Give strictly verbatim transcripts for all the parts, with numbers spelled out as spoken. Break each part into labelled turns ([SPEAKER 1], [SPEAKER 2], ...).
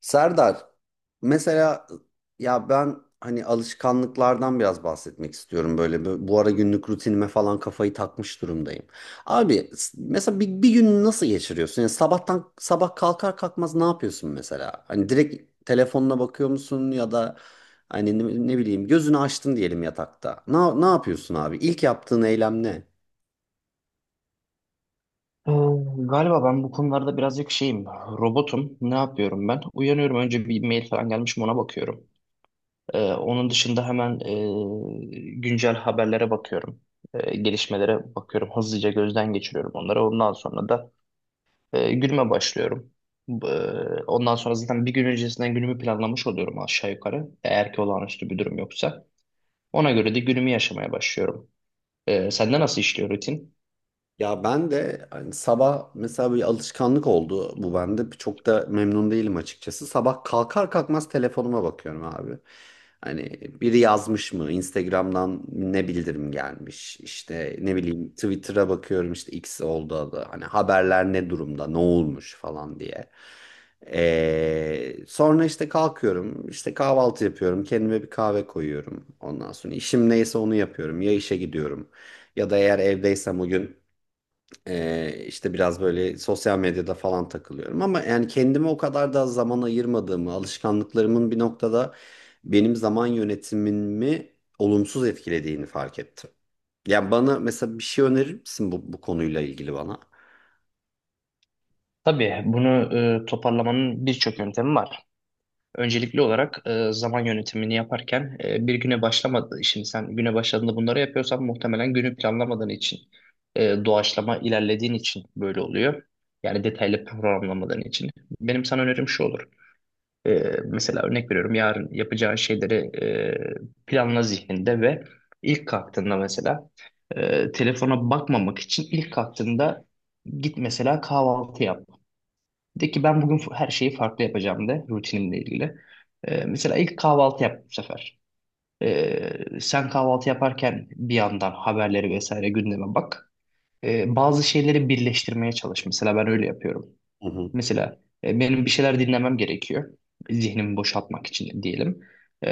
[SPEAKER 1] Serdar, mesela ya ben hani alışkanlıklardan biraz bahsetmek istiyorum böyle bu bu ara günlük rutinime falan kafayı takmış durumdayım. Abi s- mesela bir, bir gün nasıl geçiriyorsun? Yani sabahtan sabah kalkar kalkmaz ne yapıyorsun mesela? Hani direkt telefonuna bakıyor musun ya da hani ne, ne bileyim gözünü açtın diyelim yatakta. Ne, ne yapıyorsun abi? İlk yaptığın eylem ne?
[SPEAKER 2] Ee, Galiba ben bu konularda birazcık şeyim, robotum. Ne yapıyorum ben? Uyanıyorum, önce bir mail falan gelmiş mi ona bakıyorum. Ee, onun dışında hemen e, güncel haberlere bakıyorum. Ee, gelişmelere bakıyorum. Hızlıca gözden geçiriyorum onları. Ondan sonra da e, günüme başlıyorum. Ee, Ondan sonra zaten bir gün öncesinden günümü planlamış oluyorum aşağı yukarı, eğer ki olağanüstü bir durum yoksa. Ona göre de günümü yaşamaya başlıyorum. Ee, sende nasıl işliyor rutin?
[SPEAKER 1] Ya ben de hani sabah mesela bir alışkanlık oldu bu bende. Çok da memnun değilim açıkçası. Sabah kalkar kalkmaz telefonuma bakıyorum abi. Hani biri yazmış mı? Instagram'dan ne bildirim gelmiş? İşte ne bileyim Twitter'a bakıyorum, işte X oldu adı. Hani haberler ne durumda? Ne olmuş falan diye. Ee, sonra işte kalkıyorum, işte kahvaltı yapıyorum, kendime bir kahve koyuyorum. Ondan sonra işim neyse onu yapıyorum. Ya işe gidiyorum ya da eğer evdeysem o gün ee, işte biraz böyle sosyal medyada falan takılıyorum, ama yani kendime o kadar da zaman ayırmadığımı, alışkanlıklarımın bir noktada benim zaman yönetimimi olumsuz etkilediğini fark ettim. Yani bana mesela bir şey önerir misin bu, bu konuyla ilgili bana?
[SPEAKER 2] Tabii bunu e, toparlamanın birçok yöntemi var. Öncelikli olarak e, zaman yönetimini yaparken e, bir güne başlamadı. Şimdi sen güne başladığında bunları yapıyorsan muhtemelen günü planlamadığın için, e, doğaçlama ilerlediğin için böyle oluyor. Yani detaylı programlamadığın için. Benim sana önerim şu olur. E, Mesela örnek veriyorum, yarın yapacağın şeyleri e, planla zihninde ve ilk kalktığında, mesela e, telefona bakmamak için ilk kalktığında git mesela kahvaltı yap. De ki ben bugün her şeyi farklı yapacağım, de rutinimle ilgili. Ee, mesela ilk kahvaltı yap bu sefer. Ee, sen kahvaltı yaparken bir yandan haberleri vesaire, gündeme bak. Ee, bazı şeyleri birleştirmeye çalış. Mesela ben öyle yapıyorum.
[SPEAKER 1] Hı hı.
[SPEAKER 2] Mesela e, benim bir şeyler dinlemem gerekiyor. Zihnimi boşaltmak için diyelim. E,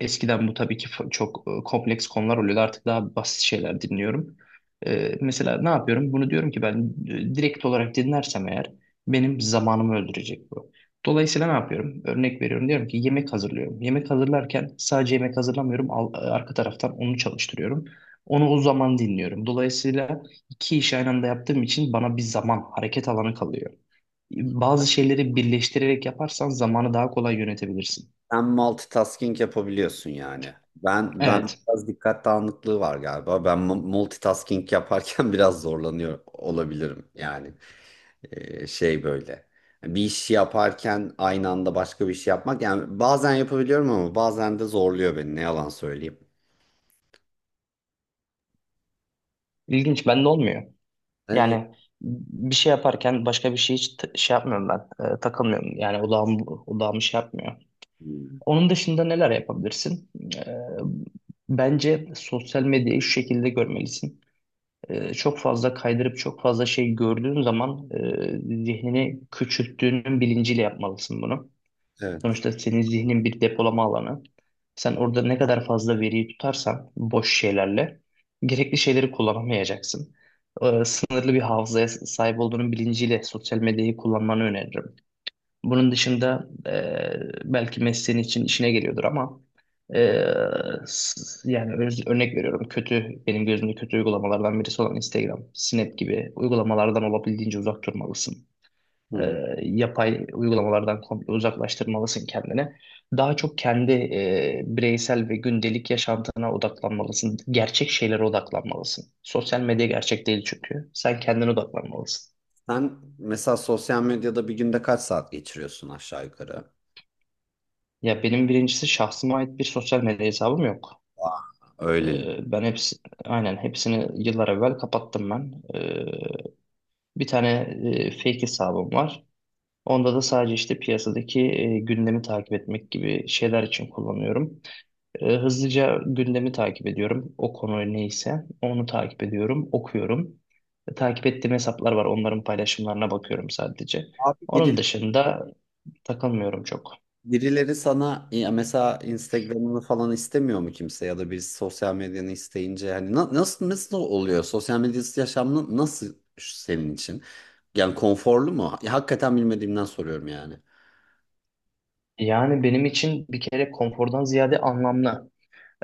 [SPEAKER 2] Eskiden bu tabii ki fa- çok e, kompleks konular oluyordu. Artık daha basit şeyler dinliyorum. E, mesela ne yapıyorum? Bunu diyorum ki ben e, direkt olarak dinlersem eğer benim zamanımı öldürecek bu. Dolayısıyla ne yapıyorum? Örnek veriyorum. Diyorum ki yemek hazırlıyorum. Yemek hazırlarken sadece yemek hazırlamıyorum. Al- e, arka taraftan onu çalıştırıyorum. Onu o zaman dinliyorum. Dolayısıyla iki işi aynı anda yaptığım için bana bir zaman, hareket alanı kalıyor. Bazı şeyleri birleştirerek yaparsan zamanı daha kolay yönetebilirsin.
[SPEAKER 1] Sen multitasking yapabiliyorsun yani. Ben ben
[SPEAKER 2] Evet,
[SPEAKER 1] biraz dikkat dağınıklığı var galiba. Ben mu- multitasking yaparken biraz zorlanıyor olabilirim yani. Ee, şey böyle. Bir iş yaparken aynı anda başka bir şey yapmak. Yani bazen yapabiliyorum ama bazen de zorluyor beni. Ne yalan söyleyeyim.
[SPEAKER 2] ilginç. Bende olmuyor.
[SPEAKER 1] Ee,
[SPEAKER 2] Yani bir şey yaparken başka bir şey hiç t- şey yapmıyorum ben. E, takılmıyorum. Yani odağım, odağımı şey yapmıyor. Onun dışında neler yapabilirsin? E, Bence sosyal medyayı şu şekilde görmelisin. E, çok fazla kaydırıp çok fazla şey gördüğün zaman e, zihnini küçülttüğünün bilinciyle yapmalısın bunu.
[SPEAKER 1] evet.
[SPEAKER 2] Sonuçta senin zihnin bir depolama alanı. Sen orada ne kadar fazla veriyi tutarsan boş şeylerle gerekli şeyleri kullanamayacaksın. Ee, sınırlı bir hafızaya sahip olduğunun bilinciyle sosyal medyayı kullanmanı öneririm. Bunun dışında e, belki mesleğin için işine geliyordur ama e, s- yani öz- örnek veriyorum, kötü, benim gözümde kötü uygulamalardan birisi olan Instagram, Snap gibi uygulamalardan olabildiğince uzak durmalısın,
[SPEAKER 1] Hı
[SPEAKER 2] e,
[SPEAKER 1] hı.
[SPEAKER 2] yapay uygulamalardan komple uzaklaştırmalısın kendini. Daha çok kendi e, bireysel ve gündelik yaşantına odaklanmalısın. Gerçek şeylere odaklanmalısın. Sosyal medya gerçek değil çünkü. Sen kendine odaklanmalısın.
[SPEAKER 1] Sen mesela sosyal medyada bir günde kaç saat geçiriyorsun aşağı yukarı?
[SPEAKER 2] Ya benim birincisi şahsıma ait bir sosyal medya hesabım yok.
[SPEAKER 1] Aa, öyleli.
[SPEAKER 2] E, ben hepsi, aynen hepsini yıllar evvel kapattım ben. E, bir tane e, fake hesabım var. Onda da sadece işte piyasadaki e, gündemi takip etmek gibi şeyler için kullanıyorum. E, hızlıca gündemi takip ediyorum. O konu neyse onu takip ediyorum, okuyorum. E, takip ettiğim hesaplar var. Onların paylaşımlarına bakıyorum sadece.
[SPEAKER 1] Abi,
[SPEAKER 2] Onun dışında takılmıyorum çok.
[SPEAKER 1] birileri sana ya mesela Instagram'ını falan istemiyor mu kimse ya da birisi sosyal medyanı isteyince hani na- nasıl nasıl oluyor? Sosyal medyası yaşamın nasıl senin için? Yani konforlu mu? Ya, hakikaten bilmediğimden soruyorum yani.
[SPEAKER 2] Yani benim için bir kere konfordan ziyade anlamlı.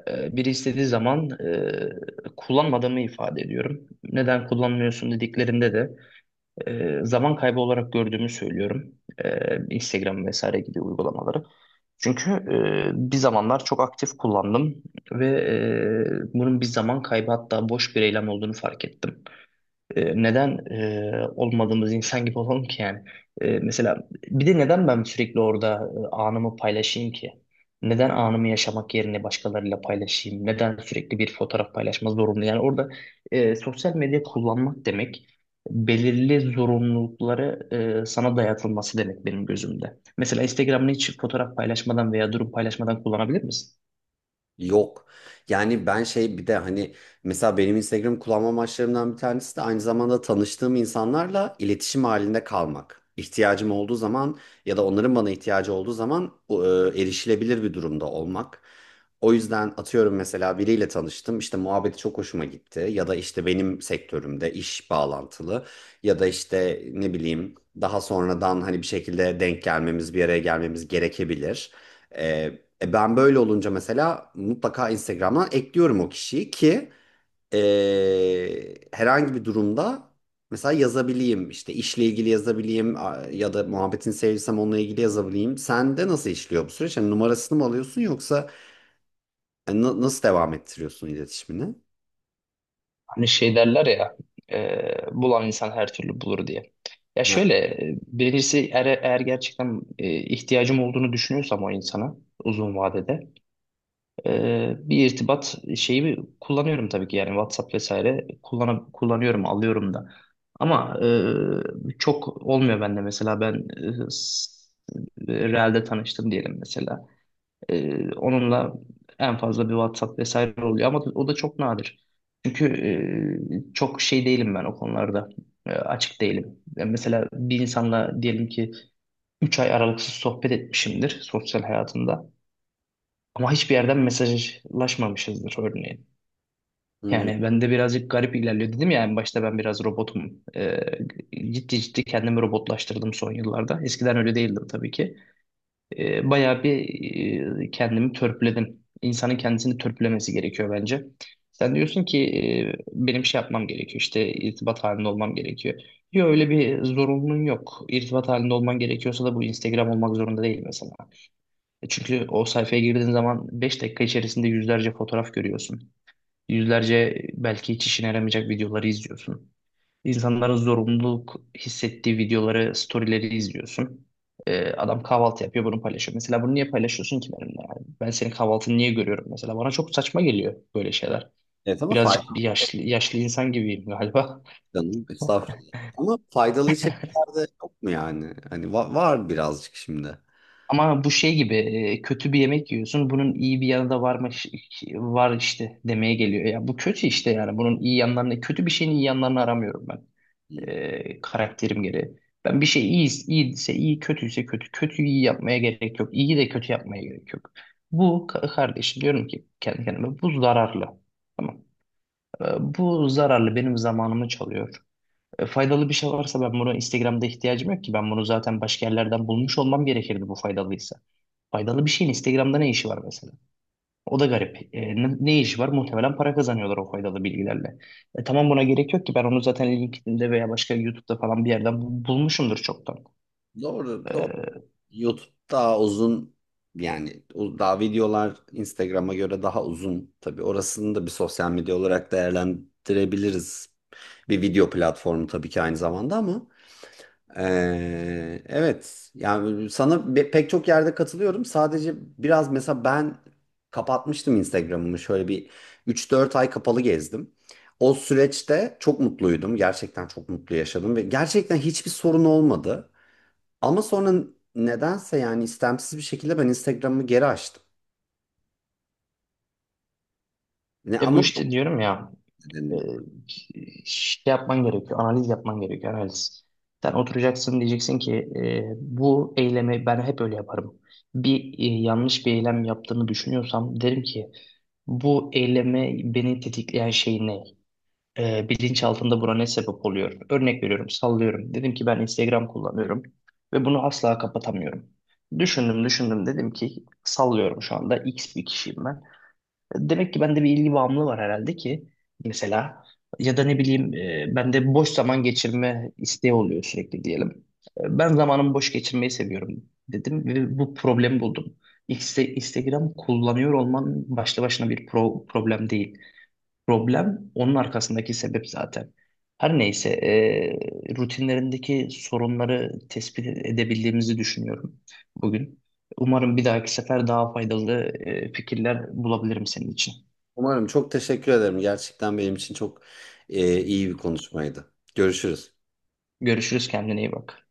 [SPEAKER 2] E, biri istediği zaman e, kullanmadığımı ifade ediyorum. Neden kullanmıyorsun dediklerinde de E, zaman kaybı olarak gördüğümü söylüyorum. E, Instagram vesaire gibi uygulamaları. Çünkü e, bir zamanlar çok aktif kullandım ve e, bunun bir zaman kaybı, hatta boş bir eylem olduğunu fark ettim. E, neden e, olmadığımız insan gibi olalım ki yani? E, mesela bir de neden ben sürekli orada e, anımı paylaşayım ki? Neden anımı yaşamak yerine başkalarıyla paylaşayım? Neden sürekli bir fotoğraf paylaşma zorunlu? Yani orada e, sosyal medya kullanmak demek belirli zorunlulukları e, sana dayatılması demek benim gözümde. Mesela Instagram'ını hiç fotoğraf paylaşmadan veya durum paylaşmadan kullanabilir misin?
[SPEAKER 1] Yok. Yani ben şey bir de hani mesela benim Instagram kullanma amaçlarımdan bir tanesi de aynı zamanda tanıştığım insanlarla iletişim halinde kalmak. İhtiyacım olduğu zaman ya da onların bana ihtiyacı olduğu zaman e, erişilebilir bir durumda olmak. O yüzden atıyorum mesela biriyle tanıştım, işte muhabbeti çok hoşuma gitti ya da işte benim sektörümde iş bağlantılı ya da işte ne bileyim daha sonradan hani bir şekilde denk gelmemiz, bir araya gelmemiz gerekebilir. E, ben böyle olunca mesela mutlaka Instagram'dan ekliyorum o kişiyi ki e, herhangi bir durumda mesela yazabileyim. İşte işle ilgili yazabileyim, a- ya da muhabbetini sevdiysem onunla ilgili yazabileyim. Sen de nasıl işliyor bu süreç? Hani numarasını mı alıyorsun yoksa e, na- nasıl devam ettiriyorsun iletişimini?
[SPEAKER 2] Hani şey derler ya, e, bulan insan her türlü bulur diye. Ya
[SPEAKER 1] Ha.
[SPEAKER 2] şöyle, e, birincisi eğer, eğer gerçekten e, ihtiyacım olduğunu düşünüyorsam o insana, uzun vadede e, bir irtibat şeyi kullanıyorum tabii ki, yani WhatsApp vesaire kullan kullanıyorum, alıyorum da. Ama e, çok olmuyor bende. Mesela ben e, s- e, Real'de tanıştım diyelim mesela. Ee, onunla en fazla bir WhatsApp vesaire oluyor, ama o da çok nadir. Çünkü e, çok şey değilim ben o konularda. E, açık değilim. E, mesela bir insanla diyelim ki üç ay aralıksız sohbet etmişimdir sosyal hayatımda. Ama hiçbir yerden mesajlaşmamışızdır örneğin.
[SPEAKER 1] Hmm.
[SPEAKER 2] Yani ben de birazcık garip ilerliyor, dedim ya en başta, ben biraz robotum. E, ciddi ciddi kendimi robotlaştırdım son yıllarda. Eskiden öyle değildim tabii ki. E, bayağı bir e, kendimi törpüledim. İnsanın kendisini törpülemesi gerekiyor bence. Sen diyorsun ki e, benim şey yapmam gerekiyor, işte irtibat halinde olmam gerekiyor. Yok öyle bir zorunluluğun yok. İrtibat halinde olman gerekiyorsa da bu Instagram olmak zorunda değil mesela. E, Çünkü o sayfaya girdiğin zaman beş dakika içerisinde yüzlerce fotoğraf görüyorsun. Yüzlerce belki hiç işine yaramayacak videoları izliyorsun. İnsanların zorunluluk hissettiği videoları, storyleri izliyorsun. Ee, adam kahvaltı yapıyor, bunu paylaşıyor. Mesela bunu niye paylaşıyorsun ki benimle? Yani ben senin kahvaltını niye görüyorum mesela? Bana çok saçma geliyor böyle şeyler.
[SPEAKER 1] Evet ama
[SPEAKER 2] Birazcık
[SPEAKER 1] faydalı
[SPEAKER 2] bir yaşlı, yaşlı insan gibiyim galiba.
[SPEAKER 1] canım, estağfurullah. Ama faydalı içerikler de yok mu yani? Hani va- var birazcık şimdi.
[SPEAKER 2] Ama bu şey gibi, e, kötü bir yemek yiyorsun. Bunun iyi bir yanı da varmış, var işte demeye geliyor. Ya bu kötü işte yani. Bunun iyi yanlarını, kötü bir şeyin iyi yanlarını aramıyorum ben.
[SPEAKER 1] Hmm.
[SPEAKER 2] E, karakterim gereği. Ben bir şey iyi, iyiyse iyi, kötüyse kötü. Kötüyü iyi yapmaya gerek yok. İyi de kötü yapmaya gerek yok. Bu ka- kardeşim, diyorum ki kendi kendime, bu zararlı. Tamam. E, Bu zararlı benim zamanımı çalıyor. E, faydalı bir şey varsa ben bunu Instagram'da, ihtiyacım yok ki. Ben bunu zaten başka yerlerden bulmuş olmam gerekirdi bu faydalıysa. Faydalı bir şeyin Instagram'da ne işi var mesela? O da garip. E, ne, ne işi var? Muhtemelen para kazanıyorlar o faydalı bilgilerle. E, tamam, buna gerek yok ki. Ben onu zaten LinkedIn'de veya başka YouTube'da falan bir yerden bu- bulmuşumdur çoktan.
[SPEAKER 1] Doğru, doğru.
[SPEAKER 2] E,
[SPEAKER 1] YouTube daha uzun, yani o- daha videolar Instagram'a göre daha uzun. Tabii orasını da bir sosyal medya olarak değerlendirebiliriz. Bir video platformu tabii ki aynı zamanda, ama eee, evet, yani sana be- pek çok yerde katılıyorum. Sadece biraz mesela ben kapatmıştım Instagram'ımı şöyle bir üç dört ay kapalı gezdim. O süreçte çok mutluydum. Gerçekten çok mutlu yaşadım ve gerçekten hiçbir sorun olmadı. Ama sonra nedense yani istemsiz bir şekilde ben Instagram'ımı geri açtım. Ne
[SPEAKER 2] e bu
[SPEAKER 1] ama bu
[SPEAKER 2] işte Diyorum ya, e,
[SPEAKER 1] nedenle.
[SPEAKER 2] şey yapman gerekiyor. Analiz yapman gerekiyor. Analiz. Sen oturacaksın, diyeceksin ki e, bu eylemi ben hep öyle yaparım. Bir e, yanlış bir eylem yaptığımı düşünüyorsam derim ki, bu eylemi beni tetikleyen şey ne? E, bilinçaltında buna ne sebep oluyor? Örnek veriyorum, sallıyorum. Dedim ki ben Instagram kullanıyorum ve bunu asla kapatamıyorum. Düşündüm, düşündüm. Dedim ki sallıyorum, şu anda X bir kişiyim ben. Demek ki bende bir ilgi bağımlılığı var herhalde ki, mesela, ya da ne bileyim, e, bende boş zaman geçirme isteği oluyor sürekli diyelim. E, Ben zamanımı boş geçirmeyi seviyorum dedim ve bu problemi buldum. İnste- Instagram kullanıyor olman başlı başına bir pro- problem değil. Problem onun arkasındaki sebep zaten. Her neyse, e, rutinlerindeki sorunları tespit edebildiğimizi düşünüyorum bugün. Umarım bir dahaki sefer daha faydalı e, fikirler bulabilirim senin için.
[SPEAKER 1] Umarım çok teşekkür ederim. Gerçekten benim için çok e, iyi bir konuşmaydı. Görüşürüz.
[SPEAKER 2] Görüşürüz, kendine iyi bak.